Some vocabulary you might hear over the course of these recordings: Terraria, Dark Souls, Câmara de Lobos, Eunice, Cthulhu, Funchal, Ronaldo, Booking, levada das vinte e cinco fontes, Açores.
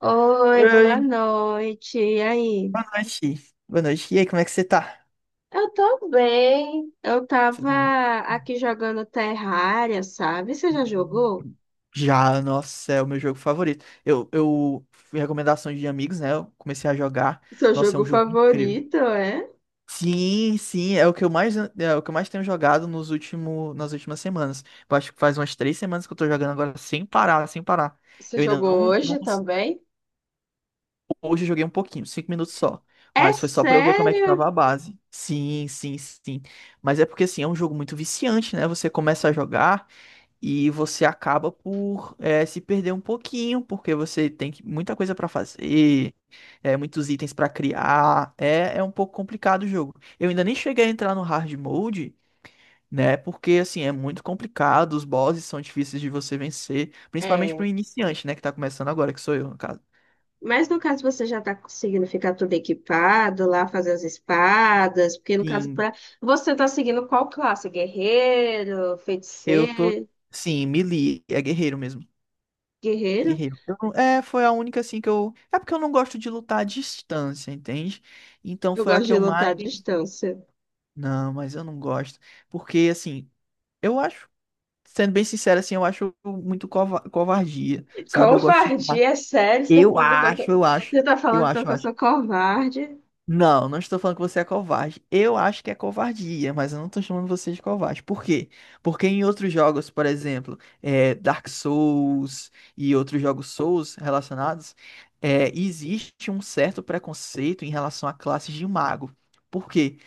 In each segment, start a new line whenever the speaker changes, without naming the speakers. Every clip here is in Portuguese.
Oi, boa
Oi,
noite. E aí?
boa noite. Boa noite. E aí, como é que você tá?
Eu tô bem. Eu
Tudo
tava
bem?
aqui jogando Terraria, sabe? Você já jogou?
Já, nossa, é o meu jogo favorito. Eu fui recomendação de amigos, né? Eu comecei a jogar.
Seu
Nossa, é
jogo
um jogo incrível.
favorito, é?
Sim, sim, é o que eu mais, é o que eu mais tenho jogado nos último, nas últimas semanas. Eu acho que faz umas 3 semanas que eu tô jogando agora sem parar, sem parar.
Você
Eu ainda
jogou
não, não,
hoje também?
hoje eu joguei um pouquinho, 5 minutos só.
É
Mas foi só pra eu ver como é que
sério?
tava a base. Sim, sim, sim. Mas é porque assim, é um jogo muito viciante, né? Você começa a jogar e você acaba por se perder um pouquinho, porque você tem que- muita coisa pra fazer, é, muitos itens pra criar. É, é um pouco complicado o jogo. Eu ainda nem cheguei a entrar no hard mode, né? Porque assim, é muito complicado, os bosses são difíceis de você vencer, principalmente
É.
pro iniciante, né? Que tá começando agora, que sou eu, no caso.
Mas no caso você já tá conseguindo ficar tudo equipado lá, fazer as espadas, porque no caso
Sim.
pra... você tá seguindo qual classe? Guerreiro,
Eu tô.
feiticeiro,
Sim, melee. É guerreiro mesmo.
guerreiro?
Guerreiro. Eu não- é, foi a única assim que eu. É porque eu não gosto de lutar à distância, entende? Então
Eu
foi a
gosto
que
de
eu
lutar à
mais.
distância.
Não, mas eu não gosto. Porque, assim, eu acho. Sendo bem sincero, assim, eu acho muito cova- covardia, sabe? Eu gosto de.
Covardia, é sério,
Eu acho, eu acho.
você tá
Eu
falando então
acho, eu
que eu
acho.
sou covarde.
Não, não estou falando que você é covarde. Eu acho que é covardia, mas eu não estou chamando você de covarde. Por quê? Porque em outros jogos, por exemplo, é, Dark Souls e outros jogos Souls relacionados, é, existe um certo preconceito em relação à classe de mago. Por quê?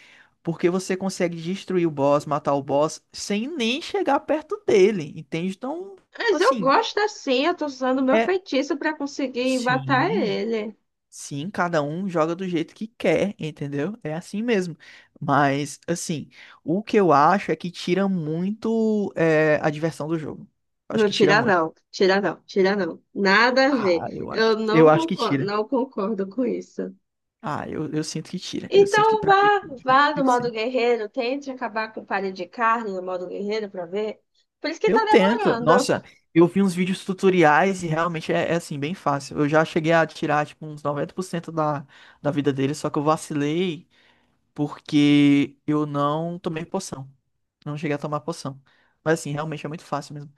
Porque você consegue destruir o boss, matar o boss, sem nem chegar perto dele, entende? Então,
Mas eu
assim,
gosto assim, eu tô usando o meu
é.
feitiço pra conseguir matar
Sim.
ele.
Sim, cada um joga do jeito que quer, entendeu? É assim mesmo. Mas, assim, o que eu acho é que tira muito é, a diversão do jogo. Acho
Não
que tira
tira
muito.
não, tira não, tira não. Nada a ver.
Ah, eu
Eu
acho.
não
Eu acho que
concordo,
tira.
não concordo com isso.
Ah, eu sinto que tira. Eu sinto que
Então
pra mim,
vá,
eu sinto
vá no
que
modo
sim.
guerreiro, tente acabar com o palha de carne no modo guerreiro pra ver. Por isso que
Eu
tá
tento.
demorando.
Nossa, eu vi uns vídeos tutoriais e realmente é, é, assim, bem fácil. Eu já cheguei a tirar, tipo, uns 90% da, da vida dele, só que eu vacilei porque eu não tomei poção. Não cheguei a tomar poção. Mas assim, realmente é muito fácil mesmo.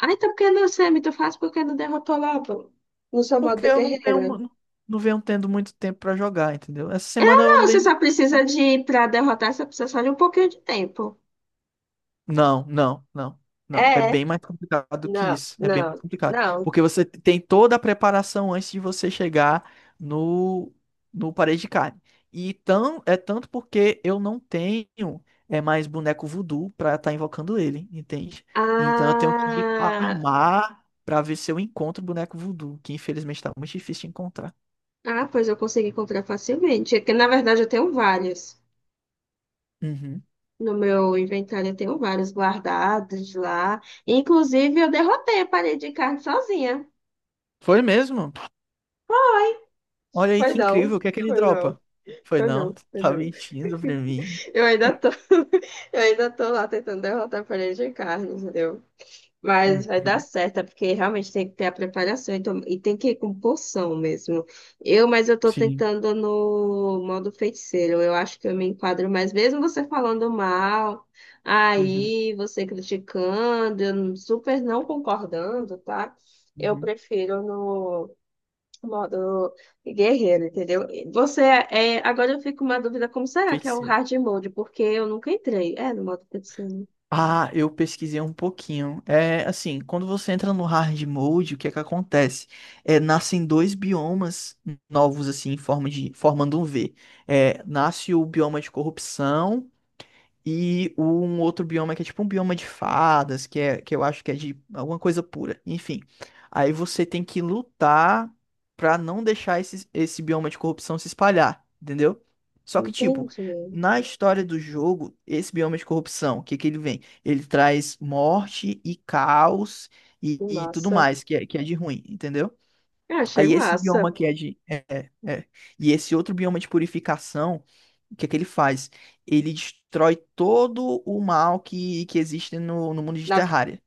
Ah, então por que não, Sam? Tu faz porque não derrotou logo no seu
Porque
modo
eu não tenho,
guerreiro?
mu- não venho tendo muito tempo pra jogar, entendeu? Essa semana eu
Você
andei
só precisa de, para derrotar, você precisa só de um pouquinho de tempo.
não, não, não, não. É
É,
bem mais complicado do que
não,
isso. É bem mais
não,
complicado.
não.
Porque você tem toda a preparação antes de você chegar no, no parede de carne. E tão, é tanto porque eu não tenho é mais boneco voodoo pra estar invocando ele, entende? Então eu tenho que ir pra
Ah,
armar pra ver se eu encontro o boneco voodoo, que infelizmente tá muito difícil de encontrar.
ah, pois eu consegui comprar facilmente. É que, na verdade, eu tenho vários.
Uhum.
No meu inventário, eu tenho vários guardados lá. Inclusive, eu derrotei a parede de carne sozinha.
Foi mesmo? Olha aí
Foi
que
não,
incrível. O que é que ele
foi não,
dropa? Foi
foi
não,
não, foi
tá
não.
mentindo pra mim.
Eu ainda tô, eu ainda tô lá tentando derrotar a parede de carne, entendeu? Mas vai dar
Uhum.
certo, é porque realmente tem que ter a preparação então, e tem que ir com porção mesmo. Mas eu tô
Sim.
tentando no modo feiticeiro, eu acho que eu me enquadro mais, mesmo você falando mal,
Uhum,
aí você criticando, eu não- super não concordando, tá? Eu
uhum.
prefiro no modo guerreiro, entendeu? Você é, agora eu fico com uma dúvida, como será que é o
Feiticeiro.
hard mode? Porque eu nunca entrei. É, no modo feiticeiro.
Ah, eu pesquisei um pouquinho. É assim, quando você entra no hard mode, o que é que acontece? É, nascem dois biomas novos, assim, em forma de, formando um V. É, nasce o bioma de corrupção. E um outro bioma que é tipo um bioma de fadas, que, é, que eu acho que é de alguma coisa pura. Enfim. Aí você tem que lutar pra não deixar esse, esse bioma de corrupção se espalhar, entendeu? Só que, tipo,
Entendi.
na história do jogo, esse bioma de corrupção, o que que ele vem? Ele traz morte e caos e tudo
Nossa.
mais, que é de ruim, entendeu?
Eu achei
Aí esse
massa.
bioma que é de. É, é. É. E esse outro bioma de purificação, o que é que ele faz? Ele destrói todo o mal que existe no, no mundo de
Na,
Terraria.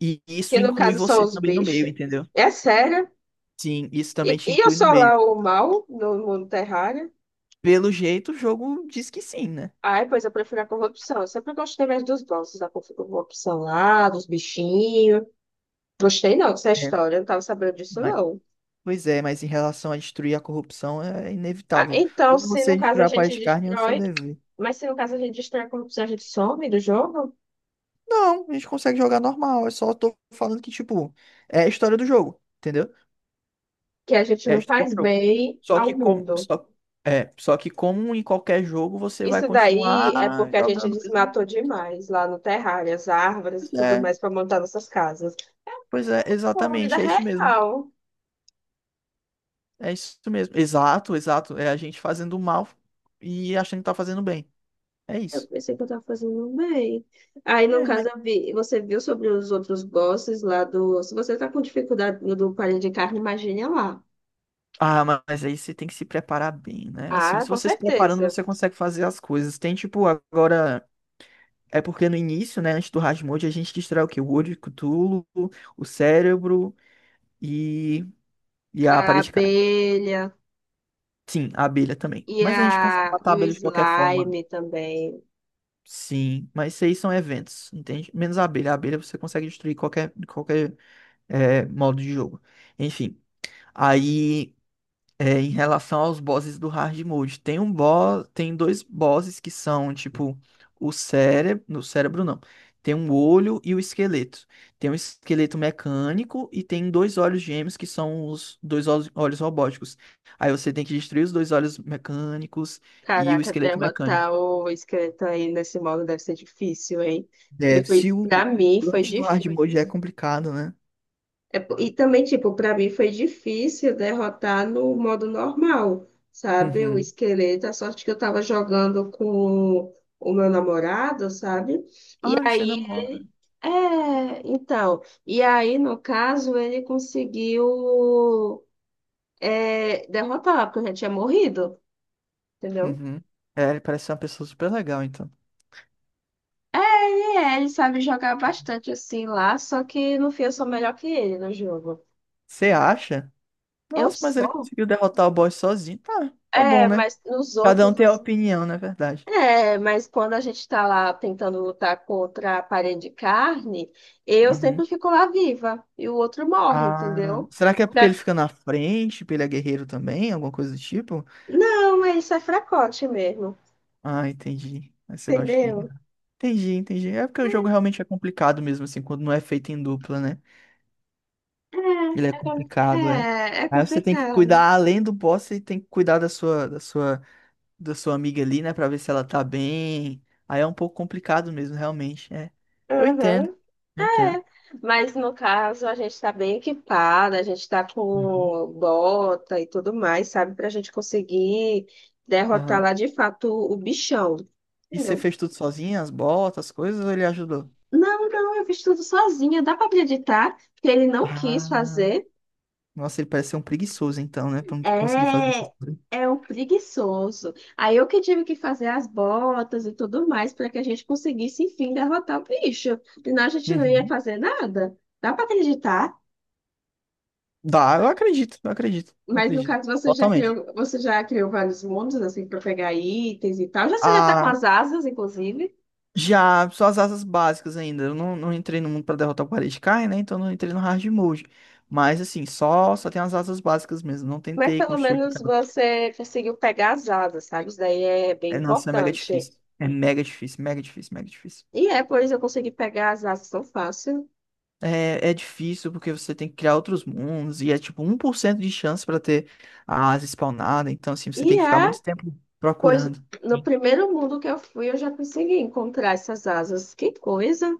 E isso
que no
inclui
caso são
você
os
também no meio,
bichos.
entendeu?
É sério.
Sim, isso também
E,
te
e eu
inclui no
sou
meio.
lá o mal no mundo terrário.
Pelo jeito, o jogo diz que sim, né?
Ai, pois eu prefiro a corrupção. Eu sempre gostei mais dos bosses, da corrupção lá, dos bichinhos. Gostei não dessa
É,
história, eu não tava sabendo disso
mas-
não.
pois é, mas em relação a destruir a corrupção é
Ah,
inevitável.
então,
Como
se no
você
caso
destruir
a
a
gente
parede de carne, é o seu
destrói,
dever.
mas se no caso a gente destrói a corrupção, a gente some do jogo,
Não, a gente consegue jogar normal. Eu só tô falando que, tipo, é a história do jogo, entendeu?
que a gente
É a
não
história
faz
do jogo.
bem
Só que
ao
como,
mundo.
só, é, só que como em qualquer jogo, você vai
Isso daí é
continuar
porque a gente
jogando.
desmatou demais lá no terrário, as árvores
Pois
e tudo
é,
mais para montar nossas casas.
pois é,
Pô, a vida
exatamente, é isso mesmo.
real.
É isso mesmo. Exato, exato. É a gente fazendo mal e achando que tá fazendo bem. É
Eu
isso.
pensei que eu estava fazendo bem. Aí, no
É,
caso,
mas-
você viu sobre os outros bosses lá do. Se você está com dificuldade no do palha de carne, imagine lá.
ah, ma- mas aí você tem que se preparar bem, né? Assim,
Ah,
se
com
você se preparando,
certeza.
você consegue fazer as coisas. Tem tipo, agora. É porque no início, né, antes do Rasmode, a gente destrói o quê? O olho, o Cthulhu, o cérebro e, e
A
a parede
abelha
sim, a abelha também.
e,
Mas a gente consegue
a...
matar a
e o
abelha de qualquer forma.
slime também.
Sim, mas isso aí são eventos, entende? Menos a abelha. A abelha você consegue destruir qualquer, qualquer é, modo de jogo. Enfim, aí é, em relação aos bosses do hard mode, tem um boss, tem dois bosses que são tipo o cérebro, no cérebro não. Tem um olho e o esqueleto. Tem um esqueleto mecânico e tem dois olhos gêmeos que são os dois olhos olhos robóticos. Aí você tem que destruir os dois olhos mecânicos e o
Caraca,
esqueleto mecânico.
derrotar o esqueleto aí nesse modo deve ser difícil, hein? Porque
Deve.
foi,
Se
pra
o
mim foi
antes do hard
difícil.
mode é complicado, né?
É, e também, tipo, para mim foi difícil derrotar no modo normal, sabe? O
Uhum.
esqueleto, a sorte que eu tava jogando com o meu namorado, sabe? E
Ah, você
aí
namora.
ele. É, então. E aí, no caso, ele conseguiu é, derrotar, porque eu já tinha morrido, entendeu?
Uhum. É, ele parece ser uma pessoa super legal, então.
É, ele sabe jogar bastante assim lá, só que no fim eu sou melhor que ele no jogo.
Você acha?
Eu
Nossa, mas ele
sou.
conseguiu derrotar o boss sozinho. Tá, tá bom,
É,
né?
mas nos
Cada
outros.
um tem a opinião, na verdade.
É, mas quando a gente está lá tentando lutar contra a parede de carne, eu
Uhum.
sempre fico lá viva e o outro morre,
Ah,
entendeu?
será que é porque
Fra-
ele fica na frente, porque ele é guerreiro também, alguma coisa do tipo?
Não, é isso é fracote mesmo,
Ah, entendi. Aí você gosta de.
entendeu?
Entendi, entendi. É porque o jogo realmente é complicado mesmo, assim, quando não é feito em dupla, né? Ele é
É, é, com-
complicado, é.
é, é,
Aí você tem que
complicado.
cuidar além do boss, você tem que cuidar da sua, da sua, da sua amiga ali, né, pra ver se ela tá bem. Aí é um pouco complicado mesmo, realmente. É. Eu entendo,
Uhum.
eu entendo.
Mas no caso, a gente está bem equipada, a gente está
Uhum.
com bota e tudo mais, sabe? Para a gente conseguir derrotar
Aham.
lá de fato o bichão,
E você
entendeu?
fez tudo sozinha, as botas, as coisas, ou ele ajudou?
Não, não, eu fiz tudo sozinha. Dá para acreditar que ele não quis
Ah,
fazer.
nossa, ele parece ser um preguiçoso então, né? Pra não conseguir fazer essas
É,
coisas.
é um preguiçoso. Aí eu que tive que fazer as botas e tudo mais para que a gente conseguisse, enfim, derrotar o bicho. Senão a gente não ia
Uhum.
fazer nada. Dá para acreditar.
Dá, eu acredito, eu acredito, eu
Mas no
acredito.
caso
Totalmente.
você já criou vários mundos assim para pegar itens e tal. Já você já tá com
Ah,
as asas, inclusive.
já, só as asas básicas ainda. Eu não entrei no mundo pra derrotar o Paredkai, né? Então não entrei no hard mode. Mas assim, só tem as asas básicas mesmo. Não
Mas
tentei
pelo
construir
menos
cada.
você conseguiu pegar as asas, sabe? Isso daí é bem
É, nossa, é mega
importante.
difícil. É mega difícil, mega difícil, mega difícil.
E é, pois eu consegui pegar as asas tão fácil.
É, é difícil porque você tem que criar outros mundos e é tipo 1% de chance pra ter a asa spawnada, então assim, você tem
E
que ficar
é,
muito tempo
pois
procurando.
no primeiro mundo que eu fui, eu já consegui encontrar essas asas. Que coisa!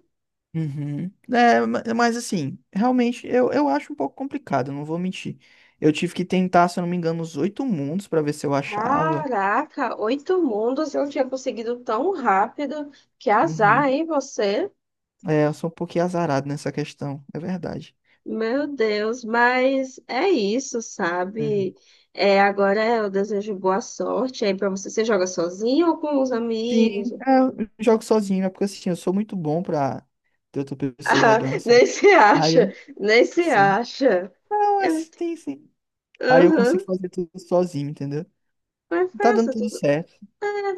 Uhum. É, ma- mas assim, realmente eu acho um pouco complicado, não vou mentir. Eu tive que tentar, se eu não me engano, os oito mundos pra ver se eu achava.
Caraca, 8 mundos eu tinha conseguido tão rápido. Que azar,
Uhum.
hein, você?
É, eu sou um pouquinho azarado nessa questão, é verdade.
Meu Deus, mas é isso,
Uhum.
sabe? É, agora eu desejo boa sorte aí pra você. Você joga sozinho ou com os
Sim,
amigos?
é, eu jogo sozinho, é porque assim, eu sou muito bom pra ter outra pessoa
Ah,
jogando, sabe?
nem se
Ai,
acha,
ai.
nem se
Sim.
acha.
Não, é
É muito...
sim, sim. Aí eu consigo
Uhum.
fazer tudo sozinho, entendeu?
Mas
Tá dando
faça,
tudo certo.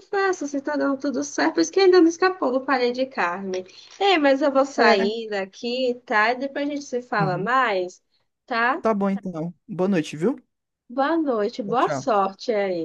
faço, você tá dando tudo certo, por isso que ainda não escapou do palha de carne. Ei, mas eu vou
É.
sair daqui, tá? E depois a gente se fala
Uhum.
mais, tá?
Tá bom então. Boa noite, viu?
Boa noite,
Tchau,
boa
tchau.
sorte aí.